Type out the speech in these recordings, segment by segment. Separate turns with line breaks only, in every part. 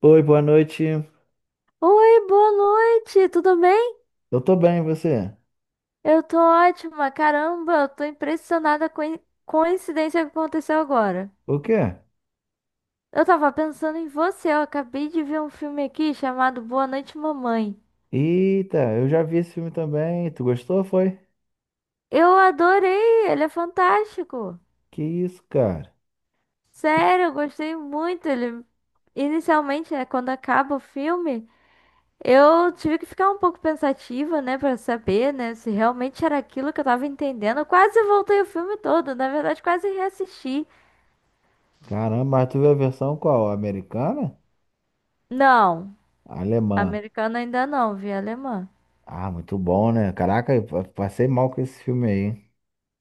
Oi, boa noite.
Oi, boa noite, tudo bem?
Eu tô bem, e você?
Eu tô ótima, caramba, eu tô impressionada com a coincidência que aconteceu agora.
O quê?
Eu tava pensando em você, eu acabei de ver um filme aqui chamado Boa Noite, Mamãe.
Eita, eu já vi esse filme também. Tu gostou, foi?
Eu adorei, ele é fantástico.
Que isso, cara?
Sério, eu gostei muito. Ele inicialmente, né, quando acaba o filme, eu tive que ficar um pouco pensativa, né, pra saber, né, se realmente era aquilo que eu tava entendendo. Eu quase voltei o filme todo, na verdade, quase reassisti.
Caramba, mas tu viu a versão qual? Americana?
Não,
Alemã.
americana ainda não, vi alemã.
Ah, muito bom, né? Caraca, eu passei mal com esse filme aí.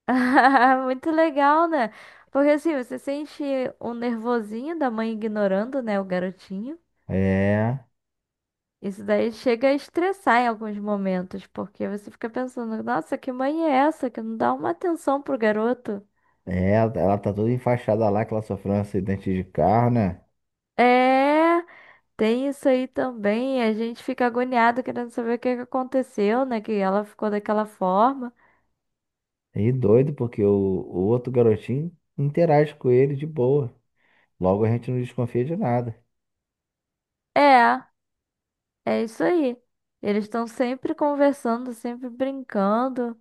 Muito legal, né? Porque assim, você sente o nervosinho da mãe ignorando, né, o garotinho.
É,
Isso daí chega a estressar em alguns momentos, porque você fica pensando, nossa, que mãe é essa que não dá uma atenção pro garoto?
é, ela tá toda enfaixada lá, que ela sofreu um acidente de carro, né?
É, tem isso aí também. A gente fica agoniado querendo saber o que que aconteceu, né? Que ela ficou daquela forma.
E doido, porque o outro garotinho interage com ele de boa. Logo a gente não desconfia de nada.
É. É isso aí. Eles estão sempre conversando, sempre brincando.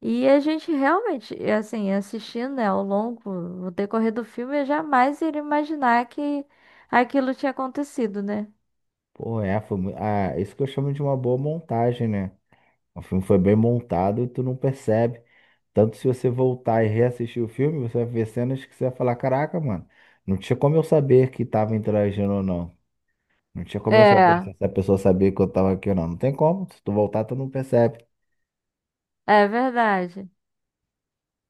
E a gente realmente, e assim, assistindo, né, ao longo, no decorrer do filme, eu jamais iria imaginar que aquilo tinha acontecido, né?
Pô, é, foi isso que eu chamo de uma boa montagem, né? O filme foi bem montado e tu não percebe. Tanto se você voltar e reassistir o filme, você vai ver cenas que você vai falar, caraca, mano, não tinha como eu saber que tava interagindo ou não. Não tinha como eu saber
É,
se essa pessoa sabia que eu tava aqui ou não. Não tem como, se tu voltar, tu não percebe.
é verdade.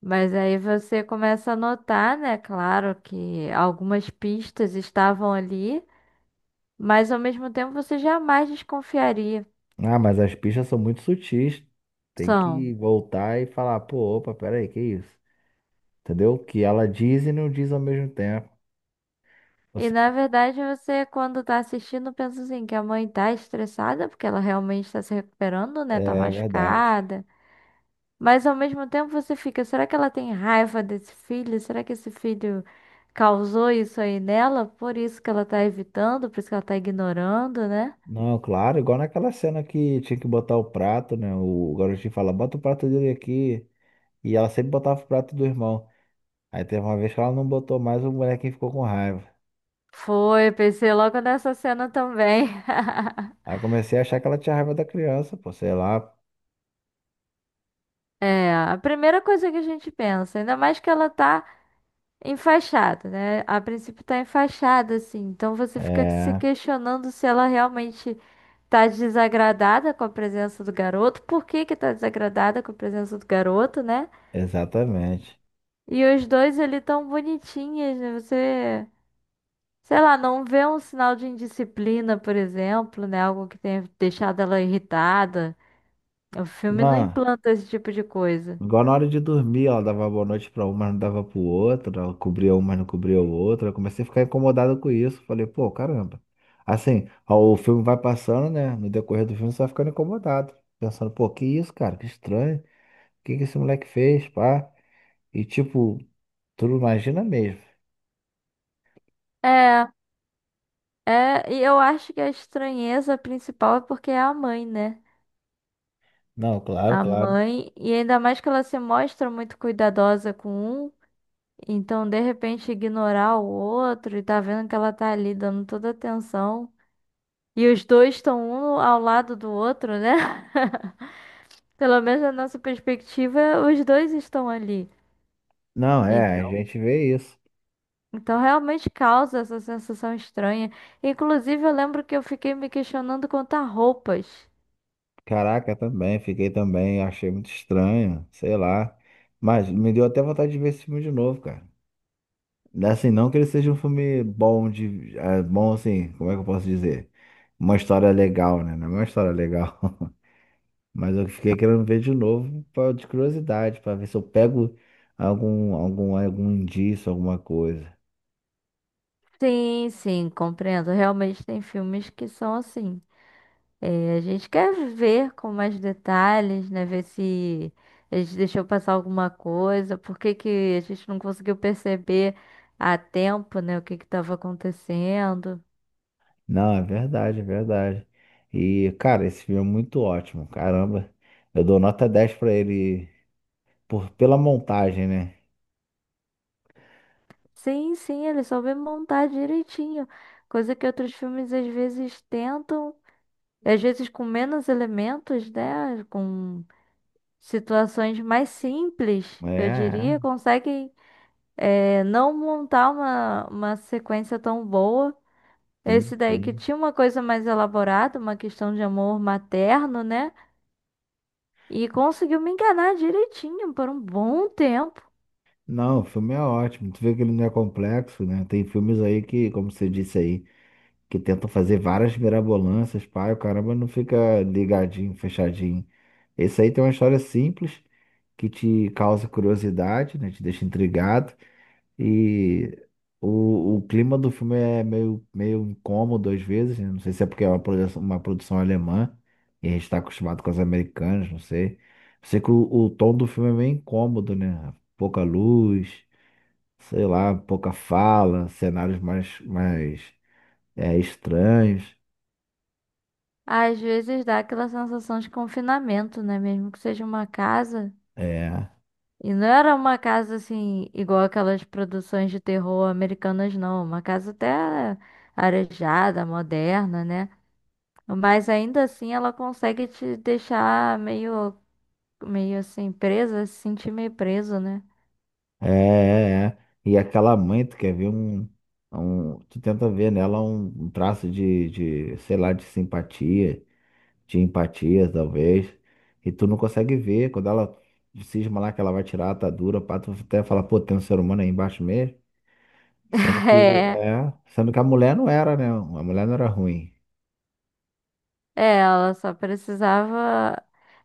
Mas aí você começa a notar, né? Claro que algumas pistas estavam ali, mas ao mesmo tempo você jamais desconfiaria.
Ah, mas as pistas são muito sutis. Tem
São.
que voltar e falar, pô, opa, peraí, que isso? Entendeu? Que ela diz e não diz ao mesmo tempo. Ou
E
seja,
na verdade você, quando tá assistindo, pensa assim, que a mãe tá estressada, porque ela realmente tá se recuperando, né? Tá
é verdade.
machucada. Mas ao mesmo tempo você fica, será que ela tem raiva desse filho? Será que esse filho causou isso aí nela? Por isso que ela tá evitando, por isso que ela tá ignorando, né?
Não, claro, igual naquela cena que tinha que botar o prato, né? O garotinho fala, bota o prato dele aqui. E ela sempre botava o prato do irmão. Aí teve uma vez que ela não botou mais, o molequinho ficou com raiva.
Foi, pensei logo nessa cena também.
Aí eu comecei a achar que ela tinha raiva da criança, pô, sei lá.
É, a primeira coisa que a gente pensa, ainda mais que ela tá enfaixada, né? A princípio tá enfaixada, assim. Então você fica se
É,
questionando se ela realmente tá desagradada com a presença do garoto. Por que que tá desagradada com a presença do garoto, né?
exatamente.
E os dois ali tão bonitinhos, né? Você, sei lá, não vê um sinal de indisciplina, por exemplo, né? Algo que tenha deixado ela irritada. O filme não
Não.
implanta esse tipo de coisa.
Igual na hora de dormir, ela dava boa noite pra uma, mas não dava pro outro, ela cobria uma, mas não cobria o outro. Eu comecei a ficar incomodado com isso. Falei, pô, caramba. Assim, ó, o filme vai passando, né? No decorrer do filme, você vai ficando incomodado. Pensando, pô, que isso, cara? Que estranho. O que que esse moleque fez, pá? E tipo, tu não imagina mesmo.
É, é, e eu acho que a estranheza principal é porque é a mãe, né?
Não, claro,
A
claro.
mãe, e ainda mais que ela se mostra muito cuidadosa com um, então de repente ignorar o outro e tá vendo que ela tá ali dando toda atenção. E os dois estão um ao lado do outro, né? Pelo menos na nossa perspectiva, os dois estão ali.
Não, é, a
Então,
gente vê isso.
então realmente causa essa sensação estranha. Inclusive, eu lembro que eu fiquei me questionando quanto a roupas.
Caraca, também, fiquei também, achei muito estranho, sei lá. Mas me deu até vontade de ver esse filme de novo, cara. Assim, não que ele seja um filme bom de. Bom assim, como é que eu posso dizer? Uma história legal, né? Não é uma história legal. Mas eu fiquei querendo ver de novo pra, de curiosidade, pra ver se eu pego algum indício, alguma coisa.
Sim, sim, compreendo. Realmente tem filmes que são assim. É, a gente quer ver com mais detalhes, né? Ver se a gente deixou passar alguma coisa, por que que a gente não conseguiu perceber a tempo, né? O que que estava acontecendo.
Não, é verdade, é verdade. E, cara, esse filme é muito ótimo. Caramba, eu dou nota 10 pra ele por, pela montagem, né?
Sim, sim, ele soube montar direitinho, coisa que outros filmes às vezes tentam, às vezes com menos elementos, né? Com situações mais simples,
É,
eu
é,
diria, conseguem, é, não montar uma sequência tão boa.
sim,
Esse daí que
sim.
tinha uma coisa mais elaborada, uma questão de amor materno, né? E conseguiu me enganar direitinho por um bom tempo.
Não, o filme é ótimo. Tu vê que ele não é complexo, né? Tem filmes aí que, como você disse aí, que tentam fazer várias mirabolâncias, pai, o caramba não fica ligadinho, fechadinho. Esse aí tem uma história simples que te causa curiosidade, né? Te deixa intrigado. E o clima do filme é meio incômodo às vezes, né? Não sei se é porque é uma produção alemã e a gente está acostumado com as americanas, não sei. Sei que o tom do filme é meio incômodo, né? Pouca luz sei lá, pouca fala, cenários mais estranhos.
Às vezes dá aquela sensação de confinamento, né? Mesmo que seja uma casa.
É,
E não era uma casa assim, igual aquelas produções de terror americanas, não. Uma casa até arejada, moderna, né? Mas ainda assim ela consegue te deixar meio, meio assim, presa, se sentir meio preso, né?
é. E aquela mãe, tu quer ver tu tenta ver nela um traço de sei lá, de simpatia, de empatia, talvez. E tu não consegue ver, quando ela cisma lá que ela vai tirar a atadura, pá, tu até fala, pô, tem um ser humano aí embaixo mesmo. Sendo que,
É.
é, sendo que a mulher não era, né? A mulher não era ruim.
É, ela só precisava.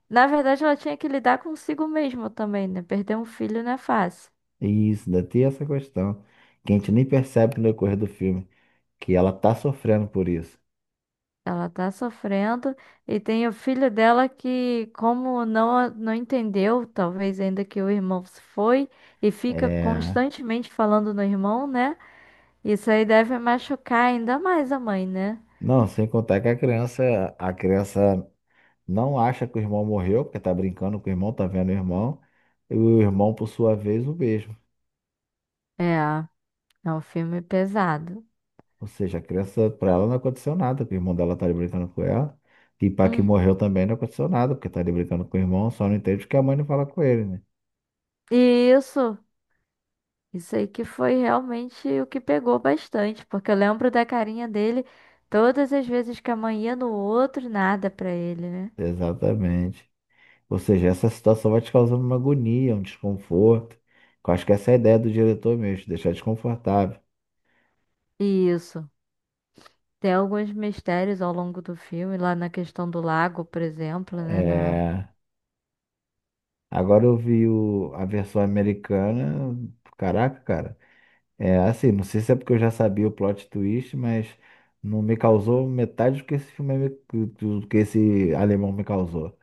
Na verdade, ela tinha que lidar consigo mesma também, né? Perder um filho não é fácil.
Isso, ainda tem essa questão, que a gente nem percebe no decorrer do filme, que ela tá sofrendo por isso.
Ela tá sofrendo e tem o filho dela que, como não entendeu, talvez ainda que o irmão se foi e fica
É...
constantemente falando no irmão, né? Isso aí deve machucar ainda mais a mãe, né?
Não, sem contar que a criança não acha que o irmão morreu, porque tá brincando com o irmão, tá vendo o irmão, e o irmão, por sua vez, o mesmo.
É, é um filme pesado.
Ou seja, a criança, pra ela não aconteceu nada, porque o irmão dela tá ali brincando com ela, e pra que
Uhum.
morreu também não aconteceu nada, porque tá ali brincando com o irmão, só não entende que a mãe não fala com ele, né?
E isso. Isso aí que foi realmente o que pegou bastante, porque eu lembro da carinha dele todas as vezes que a mãe ia no outro, nada pra ele, né?
Exatamente. Ou seja, essa situação vai te causando uma agonia, um desconforto. Eu acho que essa é a ideia do diretor mesmo, te deixar desconfortável.
E isso. Tem alguns mistérios ao longo do filme, lá na questão do lago, por exemplo, né? Na...
É, agora eu vi a versão americana, caraca, cara. É assim, não sei se é porque eu já sabia o plot twist, mas não me causou metade do que esse filme, do que esse alemão me causou.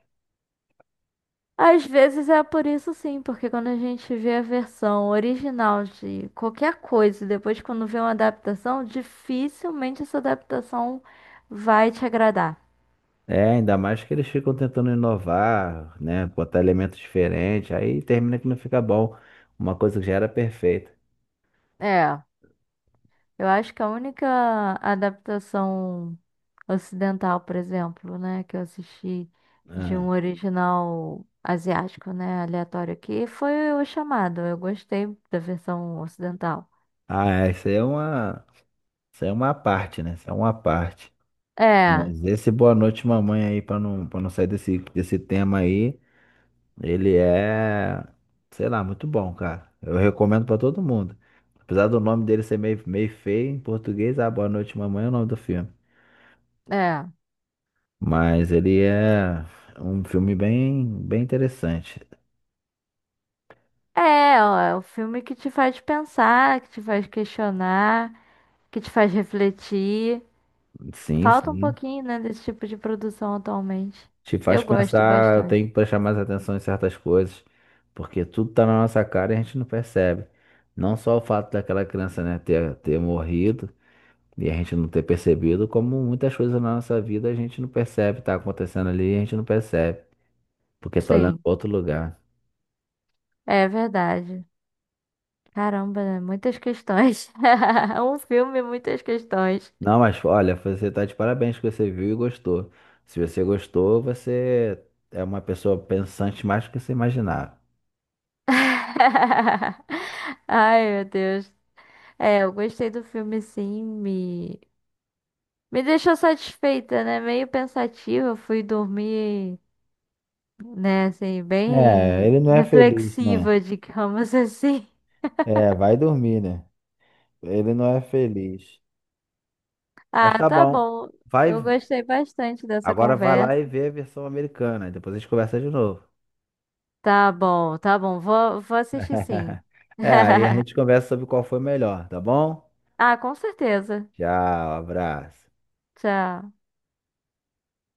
Às vezes é por isso sim, porque quando a gente vê a versão original de qualquer coisa, e depois quando vê uma adaptação, dificilmente essa adaptação vai te agradar.
É, ainda mais que eles ficam tentando inovar, né? Botar elementos diferentes, aí termina que não fica bom. Uma coisa que já era perfeita.
É. Eu acho que a única adaptação ocidental, por exemplo, né, que eu assisti de um original asiático, né, aleatório aqui, foi o Chamado. Eu gostei da versão ocidental.
Ah, é, isso aí é uma parte, né? Isso é uma parte.
É,
Mas esse boa noite, mamãe, aí, pra não sair desse tema aí, ele é, sei lá, muito bom, cara. Eu recomendo pra todo mundo. Apesar do nome dele ser meio feio em português, Boa Noite, Mamãe é o nome do filme.
é.
Mas ele é um filme bem interessante.
É, ó, é o filme que te faz pensar, que te faz questionar, que te faz refletir.
Sim,
Falta um
sim.
pouquinho, né, desse tipo de produção atualmente.
Te faz
Eu gosto
pensar, eu
bastante.
tenho que prestar mais atenção em certas coisas, porque tudo tá na nossa cara e a gente não percebe. Não só o fato daquela criança, né, ter morrido e a gente não ter percebido, como muitas coisas na nossa vida a gente não percebe, tá acontecendo ali e a gente não percebe, porque tá olhando
Sim,
pra outro lugar.
é verdade. Caramba, né? Muitas questões. Um filme, muitas questões.
Não, mas olha, você tá de parabéns que você viu e gostou. Se você gostou, você é uma pessoa pensante mais do que você imaginava.
Ai, meu Deus. É, eu gostei do filme, sim. Me deixou satisfeita, né? Meio pensativa. Eu fui dormir, né? Assim,
É,
bem
ele não é feliz, né?
reflexiva, digamos assim.
É, vai dormir, né? Ele não é feliz. Mas
Ah,
tá
tá
bom.
bom.
Vai,
Eu gostei bastante dessa
agora vai lá
conversa.
e vê a versão americana. Depois a gente conversa de novo.
Tá bom, tá bom. Vou assistir, sim.
É, aí a gente conversa sobre qual foi melhor, tá bom?
Ah, com certeza.
Tchau, abraço.
Tchau.